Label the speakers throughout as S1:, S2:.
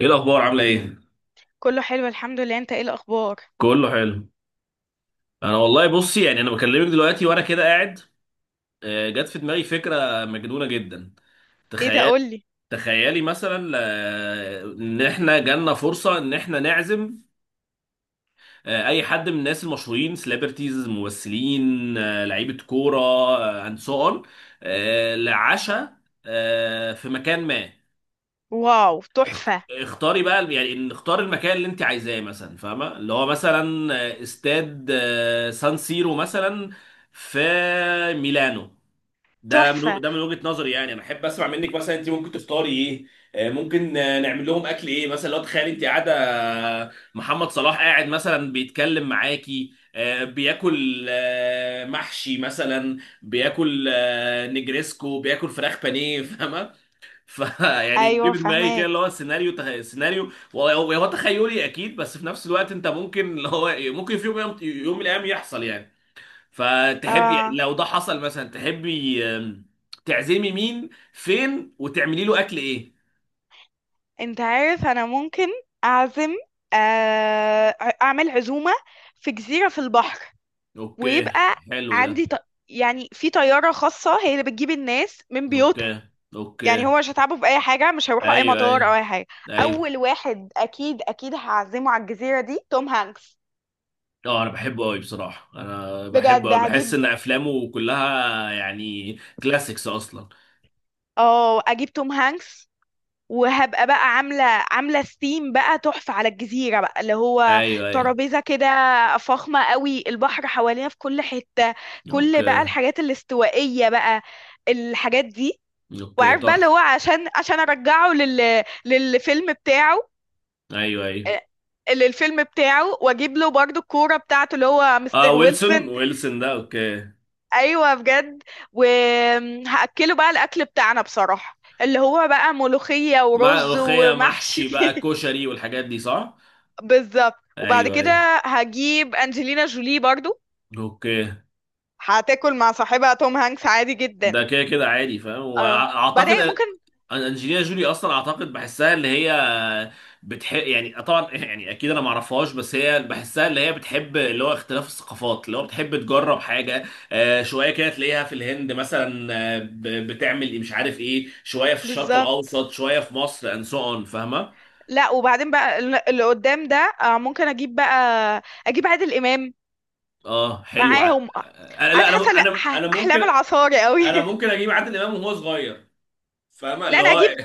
S1: ايه الاخبار؟ عامله ايه؟
S2: كله حلو، الحمد لله. انت ايه الاخبار؟
S1: كله حلو. انا والله بصي، يعني انا بكلمك دلوقتي وانا كده قاعد. جت في دماغي فكره مجنونه جدا.
S2: ايه ده؟
S1: تخيل،
S2: قولي.
S1: تخيلي مثلا ان احنا جالنا فرصه ان احنا نعزم اي حد من الناس المشهورين، سليبرتيز، ممثلين، لعيبه كوره اند سو اون، لعشاء في مكان ما.
S2: واو، تحفة.
S1: اختاري بقى، يعني نختار المكان اللي انت عايزاه، مثلا فاهمه اللي هو، مثلا استاد سان سيرو مثلا في ميلانو. ده
S2: تحفة.
S1: من، ده من وجهة نظري، يعني انا احب اسمع منك مثلا انت ممكن تفطري ايه؟ ممكن نعمل لهم اكل ايه مثلا؟ لو تخيل انت قاعده، محمد صلاح قاعد مثلا بيتكلم معاكي، بياكل محشي مثلا، بياكل نجريسكو، بياكل فراخ بانيه، فاهمه؟ فيعني
S2: ايوه،
S1: جيب دماغي كده
S2: فهماك.
S1: اللي هو سيناريو سيناريو، هو تخيلي اكيد، بس في نفس الوقت انت ممكن اللي هو إيه، ممكن في يوم من الايام يحصل يعني. فتحبي
S2: اه،
S1: لو ده حصل مثلا، تحبي تعزمي مين، فين، وتعملي له اكل ايه؟
S2: انت عارف انا ممكن اعزم، آه اعمل عزومة في جزيرة في البحر.
S1: اوكي،
S2: ويبقى
S1: حلو ده.
S2: عندي ط... يعني في طيارة خاصة هي اللي بتجيب الناس من بيوتها.
S1: اوكي،
S2: يعني
S1: اوكي،
S2: هو مش هتعبوا في اي حاجة، مش هيروحوا اي
S1: ايوه
S2: مطار
S1: ايوه
S2: او اي حاجة.
S1: ايوه.
S2: اول واحد اكيد اكيد هعزمه على الجزيرة دي توم هانكس.
S1: اه انا بحبه قوي بصراحه، انا بحبه
S2: بجد
S1: قوي، بحس
S2: هجيب،
S1: ان افلامه كلها يعني كلاسيكس اصلا.
S2: اه، اجيب توم هانكس. وهبقى بقى عامله عامله ثيم بقى تحفه على الجزيره، بقى اللي هو
S1: ايوه ايوه.
S2: ترابيزه كده فخمه قوي، البحر حوالينا في كل حته، كل بقى
S1: اوكي،
S2: الحاجات الاستوائيه بقى، الحاجات دي.
S1: اوكي،
S2: وعارف بقى اللي هو،
S1: تحفه.
S2: عشان ارجعه للفيلم بتاعه،
S1: ايوه ايوه.
S2: آه، للفيلم بتاعه، واجيب له برضو الكوره بتاعته اللي هو
S1: اه،
S2: مستر
S1: ويلسون،
S2: ويلسون.
S1: ويلسون ده اوكي.
S2: ايوه، بجد. وهاكله بقى الاكل بتاعنا بصراحه اللي هو بقى ملوخيه
S1: مع
S2: ورز
S1: ملوخيه
S2: ومحشي
S1: محشي بقى كشري والحاجات دي، صح؟
S2: بالظبط. وبعد
S1: ايوه ايوه.
S2: كده هجيب انجلينا جولي برضو،
S1: اوكي،
S2: هتاكل مع صاحبها توم هانكس عادي جدا.
S1: ده كده كده عادي فاهم،
S2: اه، وبعدين ممكن.
S1: انجلينا جولي اصلا، اعتقد بحسها اللي هي بتحب يعني طبعا يعني اكيد انا ما اعرفهاش، بس هي بحسها اللي هي بتحب اللي هو اختلاف الثقافات، اللي هو بتحب تجرب حاجه، شويه كده تلاقيها في الهند مثلا، بتعمل إيه مش عارف ايه، شويه في الشرق
S2: بالظبط.
S1: الاوسط، شويه في مصر، اند سو اون، فاهمه؟
S2: لا، وبعدين بقى اللي قدام ده، آه، ممكن اجيب بقى، اجيب عادل امام
S1: اه حلو،
S2: معاهم.
S1: انا لا،
S2: قاعد حاسه
S1: انا
S2: لأ،
S1: انا انا ممكن،
S2: احلام العصاري قوي
S1: انا ممكن اجيب عادل امام وهو صغير، فاهمه
S2: لا،
S1: اللي
S2: انا
S1: هو،
S2: اجيب،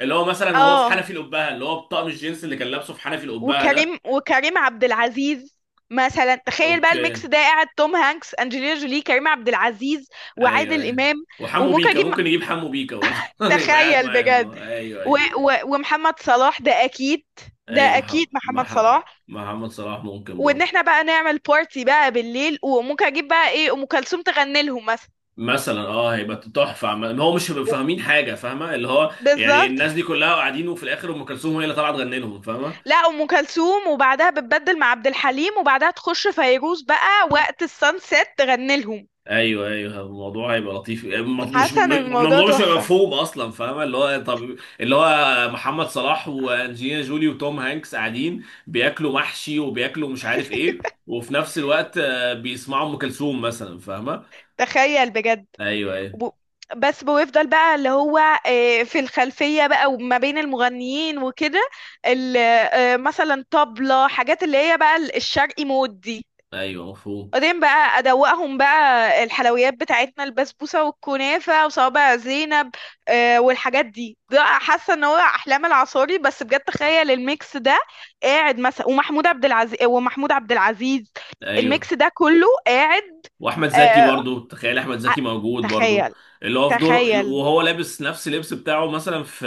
S1: اللي هو مثلا وهو في
S2: اه،
S1: حنفي القبهه، اللي هو بطقم الجينز اللي كان لابسه في حنفي القبهه ده.
S2: وكريم عبد العزيز. مثلا تخيل بقى الميكس
S1: اوكي،
S2: ده قاعد، توم هانكس، انجلينا جولي، كريم عبد العزيز،
S1: ايوه
S2: وعادل
S1: ايوه.
S2: امام.
S1: وحمو
S2: وممكن
S1: بيكا،
S2: اجيب،
S1: ممكن يجيب حمو بيكا برضه يبقى قاعد
S2: تخيل
S1: معاه
S2: بجد،
S1: هو. ايوه
S2: و
S1: ايوه
S2: و ومحمد صلاح ده
S1: ايوه، محمد،
S2: اكيد محمد
S1: مح-
S2: صلاح.
S1: محمد صلاح ممكن
S2: وان
S1: برضه.
S2: احنا بقى نعمل بارتي بقى بالليل، وممكن اجيب بقى ايه ام كلثوم تغني لهم مثلا.
S1: مثلا اه هيبقى تحفه، ما هو مش هيبقوا فاهمين حاجه، فاهمه اللي هو يعني
S2: بالظبط.
S1: الناس دي كلها قاعدين وفي الاخر ام كلثوم هي اللي طلعت تغني لهم، فاهمه؟
S2: لا، ام كلثوم وبعدها بتبدل مع عبد الحليم وبعدها تخش فيروز بقى وقت السانسيت تغني لهم.
S1: ايوه ايوه. الموضوع هيبقى لطيف، آه، م- مش م-
S2: حسن، الموضوع
S1: الموضوع مش هيبقى
S2: تحفة.
S1: مفهوم اصلا، فاهمه اللي هو، طب اللي هو محمد صلاح وانجلينا جولي وتوم هانكس قاعدين بياكلوا محشي وبياكلوا مش عارف ايه، وفي نفس الوقت بيسمعوا ام كلثوم مثلا، فاهمه؟
S2: تخيل، بجد.
S1: ايوه ايوه
S2: وب- بس بيفضل بقى اللي هو، في الخلفية بقى، وما بين المغنيين وكده مثلا طبلة، حاجات اللي هي بقى الشرقي مود دي.
S1: ايوه، مفهوم.
S2: بعدين بقى أدوقهم بقى الحلويات بتاعتنا، البسبوسة والكنافة وصوابع زينب، والحاجات دي. ده حاسة ان هو أحلام العصاري، بس بجد تخيل الميكس ده قاعد مثلا، ومحمود عبد العزيز.
S1: ايوه.
S2: الميكس ده كله قاعد.
S1: واحمد زكي
S2: آه،
S1: برضو، تخيل احمد
S2: ع-
S1: زكي موجود برضو،
S2: تخيل.
S1: اللي هو في دور،
S2: تخيل
S1: وهو لابس نفس اللبس بتاعه مثلا في،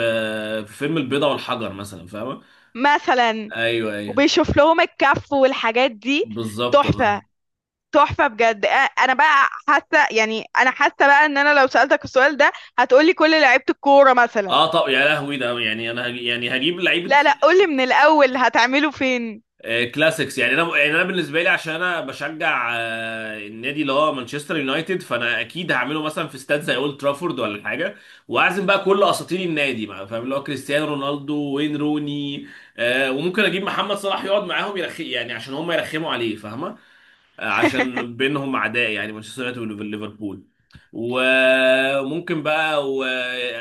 S1: في فيلم البيضه والحجر مثلا، فاهمه؟
S2: مثلا
S1: ايوه ايوه،
S2: وبيشوف لهم الكف والحاجات دي.
S1: بالظبط اه.
S2: تحفة. تحفة بجد. انا بقى حاسة، يعني انا حاسة بقى، ان انا لو سألتك السؤال ده هتقولي كل لعيبة الكورة مثلا.
S1: اه طب يا لهوي، ده يعني انا هجي، يعني هجيب لعيبه
S2: لا لا، قولي من الاول، هتعمله فين؟
S1: كلاسيكس، يعني انا، يعني انا بالنسبه لي عشان انا بشجع النادي اللي هو مانشستر يونايتد، فانا اكيد هعمله مثلا في استاد زي اولد ترافورد ولا حاجه، واعزم بقى كل اساطير النادي بقى، فاهم اللي هو كريستيانو رونالدو، وين روني، وممكن اجيب محمد صلاح يقعد معاهم يرخي، يعني عشان هم يرخموا عليه، فاهمه؟ عشان بينهم عداء يعني، مانشستر يونايتد وليفربول. وممكن بقى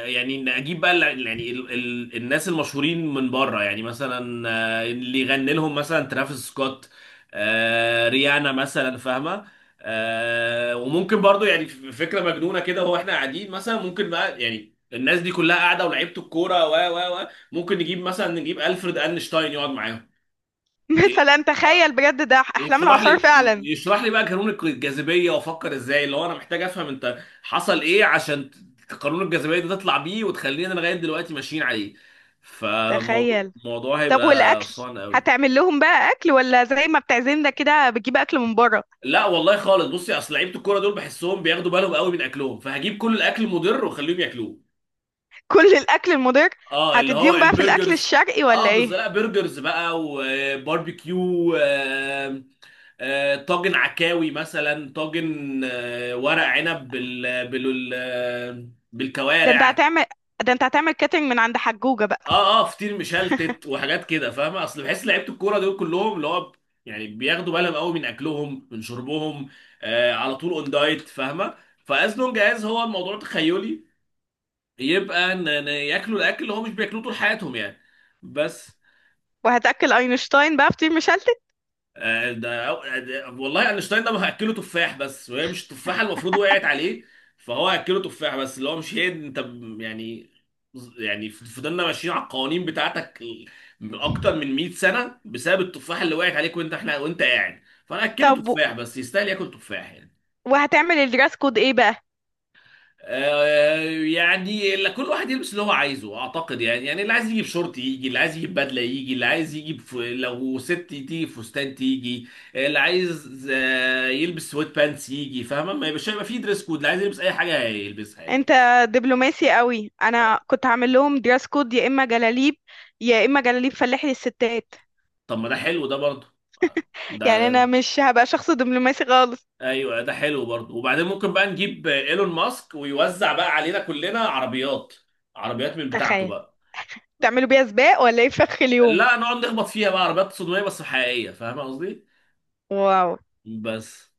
S1: يعني نجيب بقى يعني الناس المشهورين من بره، يعني مثلا اللي يغني لهم مثلا ترافيس سكوت، ريانا مثلا، فاهمه؟ وممكن برضو، يعني فكره مجنونه كده، هو احنا قاعدين مثلا، ممكن بقى يعني الناس دي كلها قاعده، ولعيبه الكوره و ممكن نجيب مثلا، نجيب الفريد اينشتاين يقعد معاهم،
S2: مثلا تخيل بجد ده احلام
S1: يشرح لي
S2: العصار فعلا.
S1: يشرح لي بقى قانون الجاذبيه، وافكر ازاي، اللي هو انا محتاج افهم انت حصل ايه عشان قانون الجاذبيه ده تطلع بيه وتخلينا لغايه دلوقتي ماشيين عليه. فموضوع،
S2: تخيل.
S1: الموضوع
S2: طب
S1: هيبقى
S2: والاكل؟
S1: فان قوي.
S2: هتعمل لهم بقى اكل ولا زي ما بتعزمنا كده بتجيب اكل من بره؟
S1: لا والله خالص، بصي، اصل لعيبه الكوره دول بحسهم بياخدوا بالهم قوي من اكلهم، فهجيب كل الاكل المضر واخليهم ياكلوه.
S2: كل الاكل المضر؟
S1: اه اللي هو
S2: هتديهم بقى في الاكل
S1: البرجرز،
S2: الشرقي ولا
S1: اه
S2: ايه؟
S1: بالظبط، لا برجرز بقى وباربيكيو، طاجن عكاوي مثلا، طاجن ورق عنب،
S2: ده انت
S1: بالكوارع.
S2: هتعمل ده انت هتعمل كاترينج من عند حجوجة بقى؟
S1: اه اه، فطير مشلتت وحاجات كده، فاهمه؟ اصل بحس لعيبه الكوره دول كلهم اللي هو يعني بياخدوا بالهم قوي من اكلهم، من شربهم، على طول اون دايت، فاهمه؟ فازنون جاهز هو الموضوع، تخيلي، يبقى ان ياكلوا الاكل اللي هو مش بياكلوه طول حياتهم يعني، بس.
S2: وهتاكل اينشتاين بقى فطير مشلتت؟
S1: والله اينشتاين ده هاكله تفاح بس، وهي مش التفاحه المفروض وقعت عليه، فهو هاكله تفاح بس، اللي هو مش هي، يعني، يعني فضلنا ماشيين على القوانين بتاعتك من اكتر من 100 سنه بسبب التفاحه اللي وقعت عليك، وانت، احنا وانت قاعد، فانا هاكله
S2: طب و-
S1: تفاح بس، يستاهل ياكل تفاح يعني.
S2: وهتعمل الدراس كود ايه بقى؟
S1: آه، يعني كل واحد يلبس اللي هو عايزه، اعتقد يعني، يعني اللي عايز يجيب شورت يجي، اللي عايز يجيب بدله يجي، اللي عايز يجيب لو ست تيجي فستان تيجي، اللي عايز يلبس سويت بانس يجي، فاهمه؟ ما يبقاش، هيبقى فيه دريس كود، اللي عايز يلبس اي حاجه هيلبسها يعني.
S2: انت دبلوماسي قوي. انا كنت هعمل لهم دراس كود يا اما جلاليب، يا اما جلاليب فلاحي للستات.
S1: طب ما ده حلو ده برضه، ده،
S2: يعني انا مش هبقى شخص دبلوماسي خالص.
S1: ايوه ده حلو برضه. وبعدين ممكن بقى نجيب ايلون ماسك ويوزع بقى علينا كلنا عربيات، عربيات من بتاعته
S2: تخيل.
S1: بقى.
S2: تعملوا بيها سباق ولا ايه في اخر اليوم؟
S1: لا نقعد نخبط فيها بقى، عربيات صدميه بس حقيقيه، فاهمه قصدي؟
S2: واو.
S1: بس.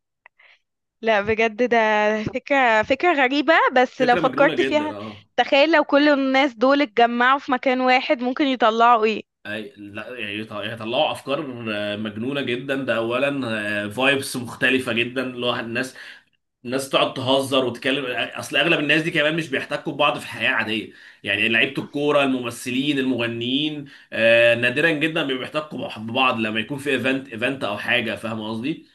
S2: لا، بجد، ده فكرة غريبة بس لو
S1: فكرة مجنونة
S2: فكرت
S1: جدا
S2: فيها.
S1: اه.
S2: تخيل لو كل الناس دول اتجمعوا في مكان واحد ممكن يطلعوا ايه.
S1: اي لا يعني يعني يطلعوا افكار مجنونة جدا، ده اولا. فايبس مختلفة جدا، اللي هو الناس، الناس تقعد تهزر وتتكلم، اصل اغلب الناس دي كمان مش بيحتكوا ببعض في حياة عادية، يعني لعيبة الكورة، الممثلين، المغنيين، نادرا جدا ما بيحتكوا ببعض، لما يكون في ايفنت، ايفنت او حاجة، فاهم قصدي؟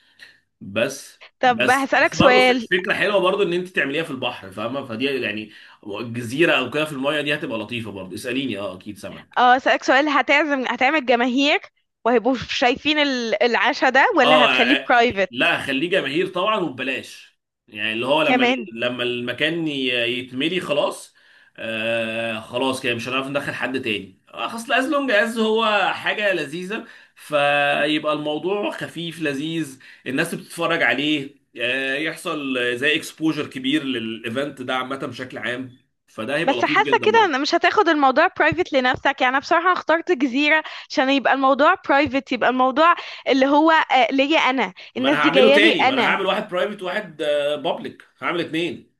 S1: بس
S2: طب
S1: بس
S2: هسألك
S1: بس برضه،
S2: سؤال.
S1: فكرة حلوة برضه ان انت تعمليها في البحر، فاهمة؟ فدي يعني جزيرة او كده في المايه دي، هتبقى لطيفة برضه. اسأليني اه، اكيد سامع.
S2: اه. هسألك سؤال هتعزم، هتعمل جماهير وهيبقوا شايفين العشاء ده، ولا هتخليه
S1: اه
S2: برايفت؟
S1: لا خليه جماهير طبعا وببلاش، يعني اللي هو لما،
S2: كمان.
S1: لما المكان يتملي خلاص، آه خلاص كده مش هنعرف ندخل حد تاني، خلاص، لونج از هو حاجه لذيذه، فيبقى الموضوع خفيف لذيذ، الناس بتتفرج عليه، آه يحصل زي اكسبوجر كبير للايفنت ده عامه بشكل عام، فده هيبقى
S2: بس
S1: لطيف
S2: حاسة
S1: جدا
S2: كده ان
S1: برضه.
S2: مش هتاخد الموضوع برايفت لنفسك. يعني انا بصراحة اخترت جزيرة عشان يبقى الموضوع برايفت، الموضوع اللي هو ليا انا،
S1: ما انا
S2: الناس دي
S1: هعمله
S2: جاية لي
S1: تاني، ما انا
S2: انا.
S1: هعمل واحد برايفت وواحد بابليك، هعمل اتنين.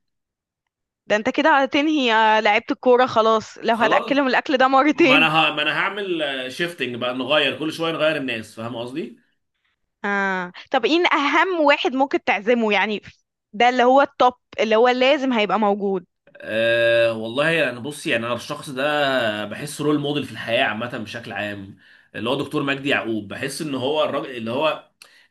S2: ده انت كده هتنهي لعيبة الكورة خلاص لو
S1: خلاص،
S2: هتأكلهم الاكل ده مرتين.
S1: ما انا هعمل شيفتنج بقى، نغير كل شويه، نغير الناس، فاهم قصدي؟
S2: طب ايه اهم واحد ممكن تعزمه يعني؟ ده اللي هو التوب، اللي هو لازم هيبقى موجود.
S1: أه والله انا يعني، بص يعني انا الشخص ده بحس رول موديل في الحياه عامه بشكل عام، اللي هو دكتور مجدي يعقوب. بحس ان هو الراجل اللي هو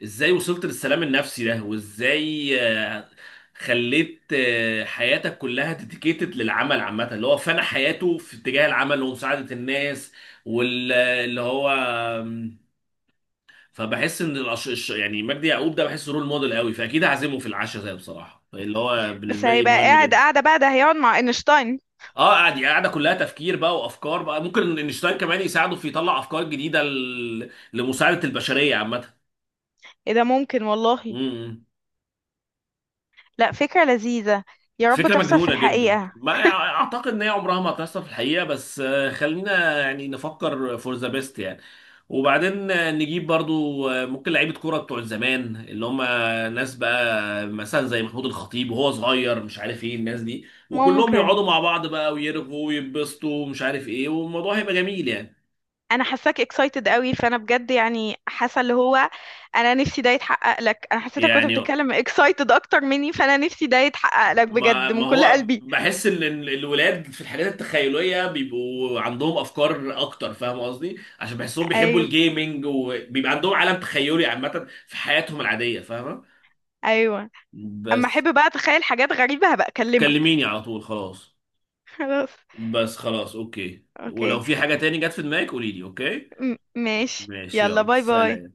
S1: ازاي وصلت للسلام النفسي ده، وازاي خليت حياتك كلها ديديكيتد للعمل عامه، اللي هو فنى حياته في اتجاه العمل ومساعده الناس، واللي هو، فبحس ان يعني مجدي يعقوب ده بحسه رول موديل قوي، فاكيد هعزمه في العشاء ده بصراحه، اللي هو
S2: بس
S1: بالنسبه لي
S2: هيبقى
S1: مهم
S2: قاعد
S1: جدا.
S2: قاعدة بقى، ده هيقعد مع اينشتاين.
S1: اه قاعد، يعني قاعده كلها تفكير بقى وافكار بقى، ممكن انشتاين كمان يساعده في يطلع افكار جديده لمساعده البشريه عامه.
S2: ايه ده، ممكن
S1: إمم،
S2: والله.
S1: إمم.
S2: لا، فكرة لذيذة. يا رب
S1: فكرة
S2: تحصل في
S1: مجنونة جدا،
S2: الحقيقة.
S1: ما اعتقد ان هي عمرها ما هتحصل في الحقيقة، بس خلينا يعني نفكر فور ذا بيست يعني. وبعدين نجيب برضو ممكن لعيبة كورة بتوع زمان، اللي هم ناس بقى مثلا زي محمود الخطيب وهو صغير، مش عارف ايه الناس دي، وكلهم
S2: ممكن.
S1: يقعدوا مع بعض بقى ويرغوا ويتبسطوا ومش عارف ايه، والموضوع هيبقى جميل يعني.
S2: انا حاساك اكسايتد قوي، فانا بجد يعني حاسه اللي هو، انا نفسي ده يتحقق لك. انا حسيتك كنت
S1: يعني
S2: بتتكلم اكسايتد اكتر مني، فانا نفسي ده يتحقق لك
S1: ما
S2: بجد
S1: ما
S2: من كل
S1: هو
S2: قلبي.
S1: بحس ان الولاد في الحاجات التخيليه بيبقوا عندهم افكار اكتر، فاهم قصدي؟ عشان بحسهم بيحبوا
S2: ايوه،
S1: الجيمنج، وبيبقى عندهم عالم تخيلي عامه في حياتهم العاديه، فاهمه؟
S2: ايوه. اما
S1: بس.
S2: احب بقى اتخيل حاجات غريبه هبقى اكلمك.
S1: كلميني على طول خلاص.
S2: خلاص.
S1: بس خلاص، اوكي، ولو
S2: اوكي.
S1: في حاجه
S2: م-
S1: تاني جت في دماغك قولي لي، اوكي؟
S2: ماشي،
S1: ماشي
S2: يلا،
S1: يلا
S2: باي باي.
S1: سلام.